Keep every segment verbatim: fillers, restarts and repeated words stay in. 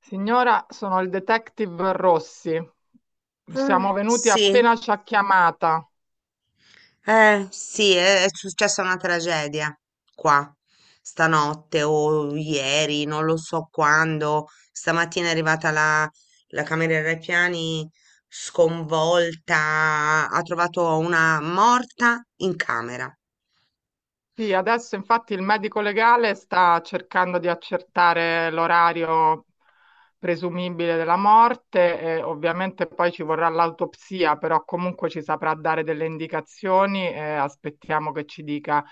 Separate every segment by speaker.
Speaker 1: Signora, sono il detective Rossi.
Speaker 2: Ah,
Speaker 1: Siamo venuti
Speaker 2: sì,
Speaker 1: appena ci ha chiamata.
Speaker 2: eh, sì, è, è successa una tragedia qua stanotte o ieri, non lo so quando. Stamattina è arrivata la, la cameriera ai piani sconvolta, ha trovato una morta in camera.
Speaker 1: Sì, adesso infatti il medico legale sta cercando di accertare l'orario presumibile della morte e ovviamente poi ci vorrà l'autopsia, però comunque ci saprà dare delle indicazioni e aspettiamo che ci dica.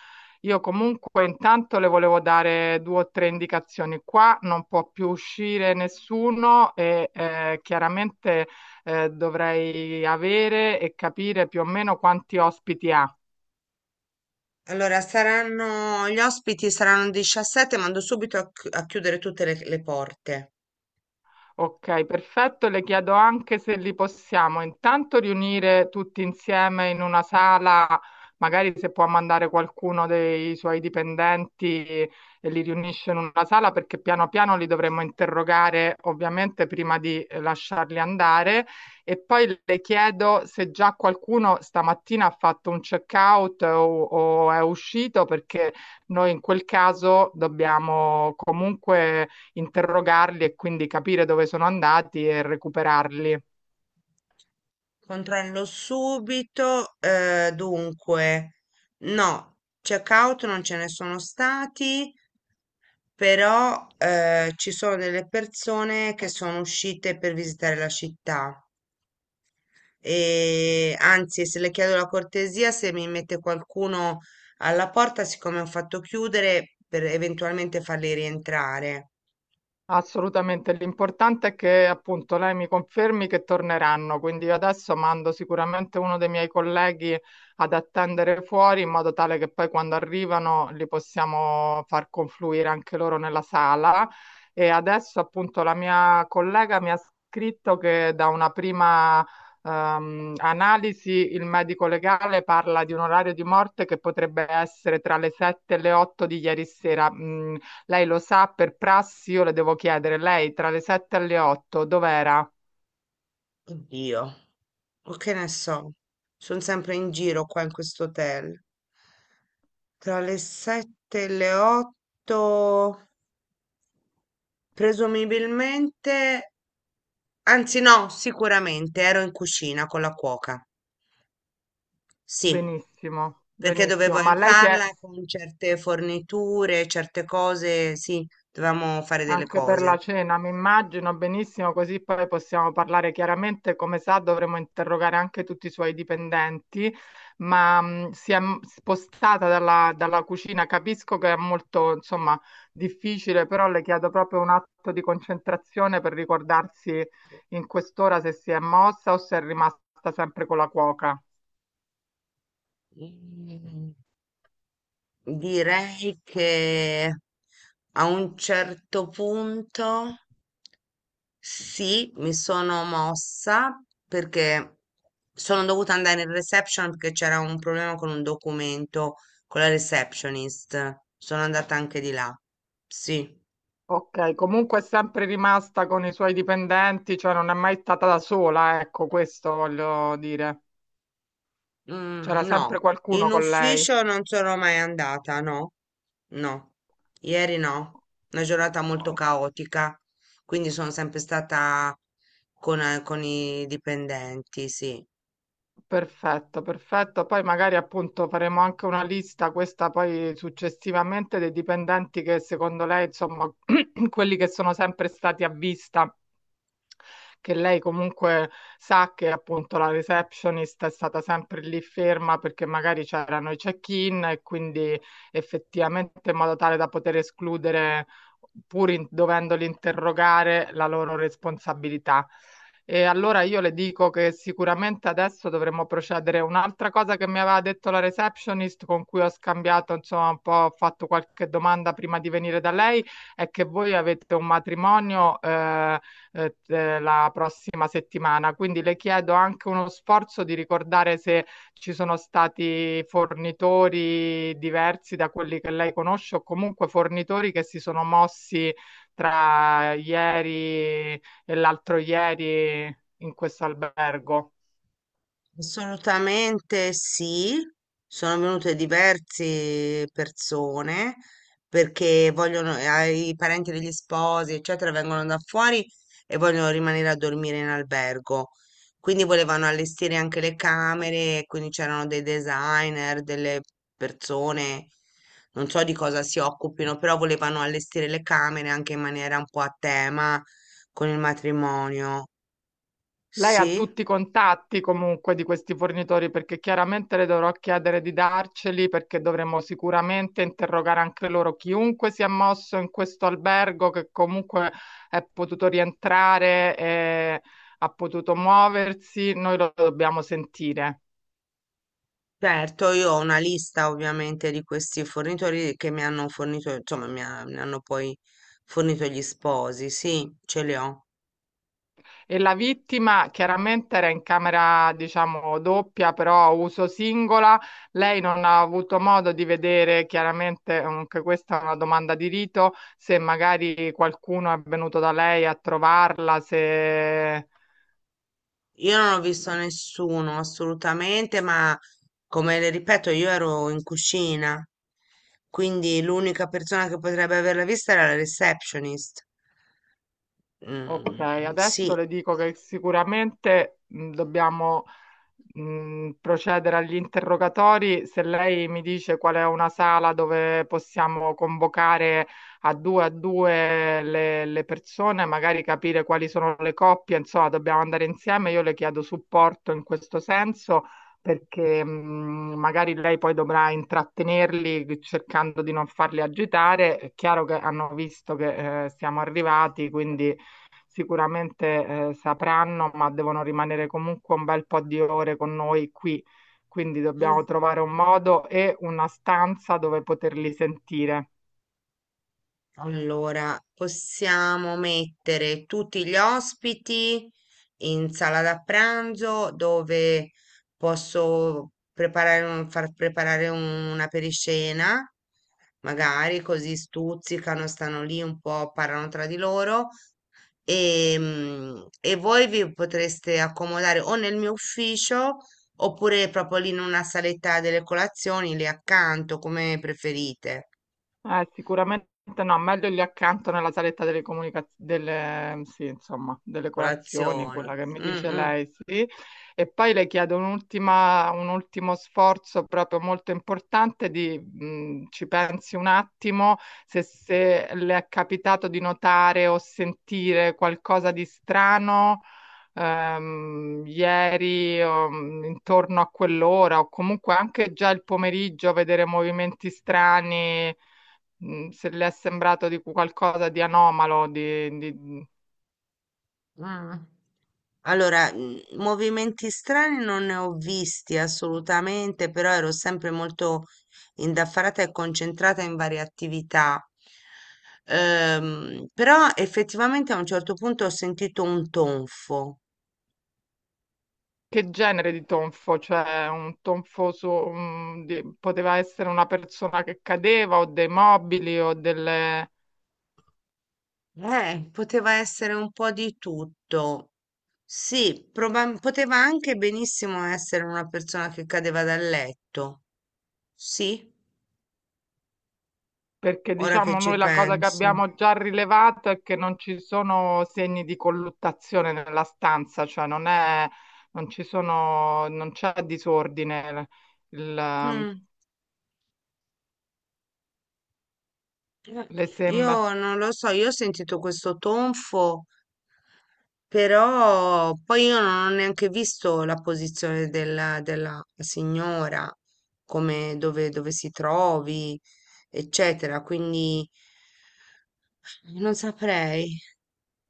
Speaker 1: Io comunque intanto le volevo dare due o tre indicazioni. Qua non può più uscire nessuno e eh, chiaramente eh, dovrei avere e capire più o meno quanti ospiti ha.
Speaker 2: Allora, saranno, gli ospiti saranno diciassette, mando subito a, chi- a chiudere tutte le le porte.
Speaker 1: Ok, perfetto. Le chiedo anche se li possiamo intanto riunire tutti insieme in una sala, magari se può mandare qualcuno dei suoi dipendenti e li riunisce in una sala, perché piano piano li dovremmo interrogare ovviamente prima di eh, lasciarli andare. E poi le chiedo se già qualcuno stamattina ha fatto un check-out o, o è uscito, perché noi in quel caso dobbiamo comunque interrogarli e quindi capire dove sono andati e recuperarli.
Speaker 2: Controllo subito. Eh, dunque, no, checkout non ce ne sono stati, però eh, ci sono delle persone che sono uscite per visitare la città. E anzi, se le chiedo la cortesia, se mi mette qualcuno alla porta, siccome ho fatto chiudere, per eventualmente farli rientrare.
Speaker 1: Assolutamente, l'importante è che appunto lei mi confermi che torneranno, quindi io adesso mando sicuramente uno dei miei colleghi ad attendere fuori in modo tale che poi quando arrivano li possiamo far confluire anche loro nella sala e adesso appunto la mia collega mi ha scritto che da una prima ehm, analisi il medico legale parla di un orario di morte che potrebbe essere tra le sette e le otto di ieri sera. Mm, lei lo sa, per prassi io le devo chiedere, lei tra le sette e le otto dov'era?
Speaker 2: Oddio, o che ne so, sono sempre in giro qua in questo hotel. Tra le sette e le otto, presumibilmente, anzi no, sicuramente ero in cucina con la cuoca. Sì,
Speaker 1: Benissimo,
Speaker 2: perché dovevo
Speaker 1: benissimo, ma lei si è
Speaker 2: aiutarla con certe forniture, certe cose, sì, dovevamo fare delle
Speaker 1: anche per la
Speaker 2: cose.
Speaker 1: cena, mi immagino benissimo, così poi possiamo parlare chiaramente, come sa dovremo interrogare anche tutti i suoi dipendenti, ma mh, si è m- spostata dalla, dalla cucina, capisco che è molto, insomma, difficile, però le chiedo proprio un atto di concentrazione per ricordarsi in quest'ora se si è mossa o se è rimasta sempre con la cuoca.
Speaker 2: Mm, Direi che a un certo punto. Sì, mi sono mossa perché sono dovuta andare in reception perché c'era un problema con un documento con la receptionist. Sono andata anche di là. Sì.
Speaker 1: Ok, comunque è sempre rimasta con i suoi dipendenti, cioè non è mai stata da sola, ecco, questo voglio dire. C'era
Speaker 2: Mm, no,
Speaker 1: sempre
Speaker 2: in
Speaker 1: qualcuno con lei.
Speaker 2: ufficio non sono mai andata, no, no, ieri no, una giornata molto
Speaker 1: Oh,
Speaker 2: caotica, quindi sono sempre stata con, eh, con i dipendenti, sì.
Speaker 1: perfetto, perfetto. Poi magari appunto faremo anche una lista, questa poi successivamente, dei dipendenti che secondo lei, insomma, quelli che sono sempre stati a vista che lei comunque sa che appunto la receptionist è stata sempre lì ferma perché magari c'erano i check-in e quindi effettivamente in modo tale da poter escludere, pur in- dovendoli interrogare, la loro responsabilità. E allora io le dico che sicuramente adesso dovremmo procedere. Un'altra cosa che mi aveva detto la receptionist, con cui ho scambiato, insomma, un po', ho fatto qualche domanda prima di venire da lei, è che voi avete un matrimonio, eh, eh, eh, la prossima settimana. Quindi le chiedo anche uno sforzo di ricordare se ci sono stati fornitori diversi da quelli che lei conosce o comunque fornitori che si sono mossi tra ieri e l'altro ieri in questo albergo.
Speaker 2: Assolutamente sì, sono venute diverse persone perché vogliono, eh, i parenti degli sposi, eccetera, vengono da fuori e vogliono rimanere a dormire in albergo. Quindi volevano allestire anche le camere, e quindi c'erano dei designer, delle persone, non so di cosa si occupino, però volevano allestire le camere anche in maniera un po' a tema con il matrimonio.
Speaker 1: Lei ha
Speaker 2: Sì.
Speaker 1: tutti i contatti comunque di questi fornitori perché chiaramente le dovrò chiedere di darceli perché dovremo sicuramente interrogare anche loro chiunque si è mosso in questo albergo che comunque è potuto rientrare e ha potuto muoversi, noi lo dobbiamo sentire.
Speaker 2: Certo, io ho una lista ovviamente di questi fornitori che mi hanno fornito, insomma, mi, ha- mi hanno poi fornito gli sposi, sì, ce li ho.
Speaker 1: E la vittima chiaramente era in camera, diciamo, doppia, però a uso singola. Lei non ha avuto modo di vedere, chiaramente, anche questa è una domanda di rito, se magari qualcuno è venuto da lei a trovarla, se...
Speaker 2: Io non ho visto nessuno assolutamente, ma come le ripeto, io ero in cucina, quindi l'unica persona che potrebbe averla vista era la receptionist.
Speaker 1: Ok,
Speaker 2: Mm,
Speaker 1: adesso
Speaker 2: sì.
Speaker 1: le dico che sicuramente mh, dobbiamo mh, procedere agli interrogatori, se lei mi dice qual è una sala dove possiamo convocare a due a due le, le persone, magari capire quali sono le coppie, insomma, dobbiamo andare insieme. Io le chiedo supporto in questo senso perché mh, magari lei poi dovrà intrattenerli cercando di non farli agitare. È chiaro che hanno visto che eh, siamo arrivati, quindi sicuramente eh, sapranno, ma devono rimanere comunque un bel po' di ore con noi qui. Quindi dobbiamo trovare un modo e una stanza dove poterli sentire.
Speaker 2: Allora, possiamo mettere tutti gli ospiti in sala da pranzo dove posso preparare un- far preparare un- una periscena, magari così stuzzicano, stanno lì un po', parlano tra di loro e, mm, e voi vi potreste accomodare o nel mio ufficio oppure proprio lì in una saletta delle colazioni, lì accanto, come preferite.
Speaker 1: Eh, sicuramente no, meglio lì accanto nella saletta delle comunicazioni, delle, mm, sì, insomma, delle colazioni,
Speaker 2: Colazioni.
Speaker 1: quella che mi Colazione.
Speaker 2: Mm,
Speaker 1: Dice
Speaker 2: mm,
Speaker 1: lei, sì. E poi le chiedo un'ultima, un ultimo sforzo proprio molto importante di, mh, ci pensi un attimo, se, se le è capitato di notare o sentire qualcosa di strano. Ehm, ieri o, mh, intorno a quell'ora o comunque anche già il pomeriggio vedere movimenti strani, mh, se le è sembrato di cu- qualcosa di anomalo, di, di-
Speaker 2: mm. Allora, mm, movimenti strani non ne ho visti assolutamente, però ero sempre molto indaffarata e concentrata in varie attività. Ehm, però effettivamente a un certo punto ho sentito un tonfo.
Speaker 1: che genere di tonfo, cioè un tonfo su, un- di- poteva essere una persona che cadeva o dei mobili o delle...
Speaker 2: Eh, poteva essere un po' di tutto. Sì, proba- poteva anche benissimo essere una persona che cadeva dal letto. Sì,
Speaker 1: Perché
Speaker 2: ora che
Speaker 1: diciamo
Speaker 2: ci
Speaker 1: noi la cosa che
Speaker 2: penso.
Speaker 1: abbiamo già rilevato è che non ci sono segni di colluttazione nella stanza, cioè non è, non ci sono, non c'è disordine. Il,
Speaker 2: Mm. Eh,
Speaker 1: le sembra.
Speaker 2: Io non lo so, io ho sentito questo tonfo, però poi io non ho neanche visto la posizione della, della signora, come dove, dove si trovi, eccetera, quindi non saprei.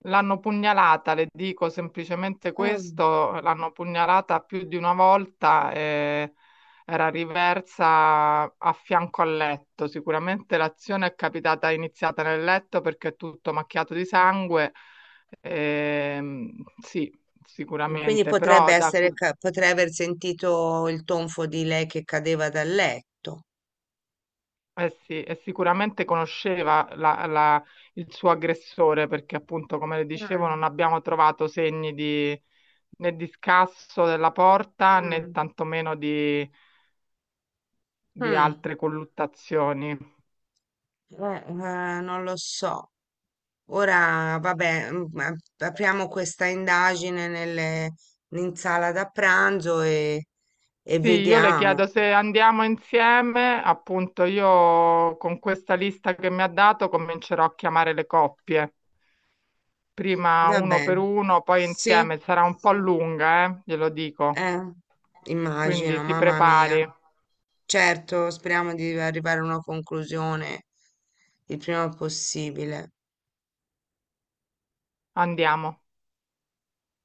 Speaker 1: L'hanno pugnalata, le dico semplicemente
Speaker 2: Oh,
Speaker 1: questo, l'hanno pugnalata più di una volta e era riversa a fianco al letto. Sicuramente l'azione è capitata, è iniziata nel letto perché è tutto macchiato di sangue. Ehm, sì,
Speaker 2: e quindi
Speaker 1: Sicuramente, però
Speaker 2: potrebbe
Speaker 1: da,
Speaker 2: essere, ca- potrei aver sentito il tonfo di lei che cadeva dal letto.
Speaker 1: eh sì, e sicuramente conosceva la- la- il suo aggressore perché appunto, come le dicevo,
Speaker 2: Mm,
Speaker 1: non abbiamo trovato segni di, né di scasso della porta né
Speaker 2: mm,
Speaker 1: tantomeno di, di
Speaker 2: mm.
Speaker 1: altre colluttazioni.
Speaker 2: Eh, eh, non lo so. Ora, vabbè, mm, ma- apriamo questa indagine nelle- in sala da pranzo e, e
Speaker 1: Sì, io le
Speaker 2: vediamo.
Speaker 1: chiedo se andiamo insieme, appunto io con questa lista che mi ha dato comincerò a chiamare le coppie, prima
Speaker 2: Va
Speaker 1: uno per
Speaker 2: bene.
Speaker 1: uno, poi
Speaker 2: Sì,
Speaker 1: insieme, sarà un po' lunga, eh, glielo dico,
Speaker 2: eh,
Speaker 1: quindi
Speaker 2: immagino,
Speaker 1: si
Speaker 2: mamma mia.
Speaker 1: prepari.
Speaker 2: Certo, speriamo di arrivare a una conclusione il prima possibile.
Speaker 1: Andiamo.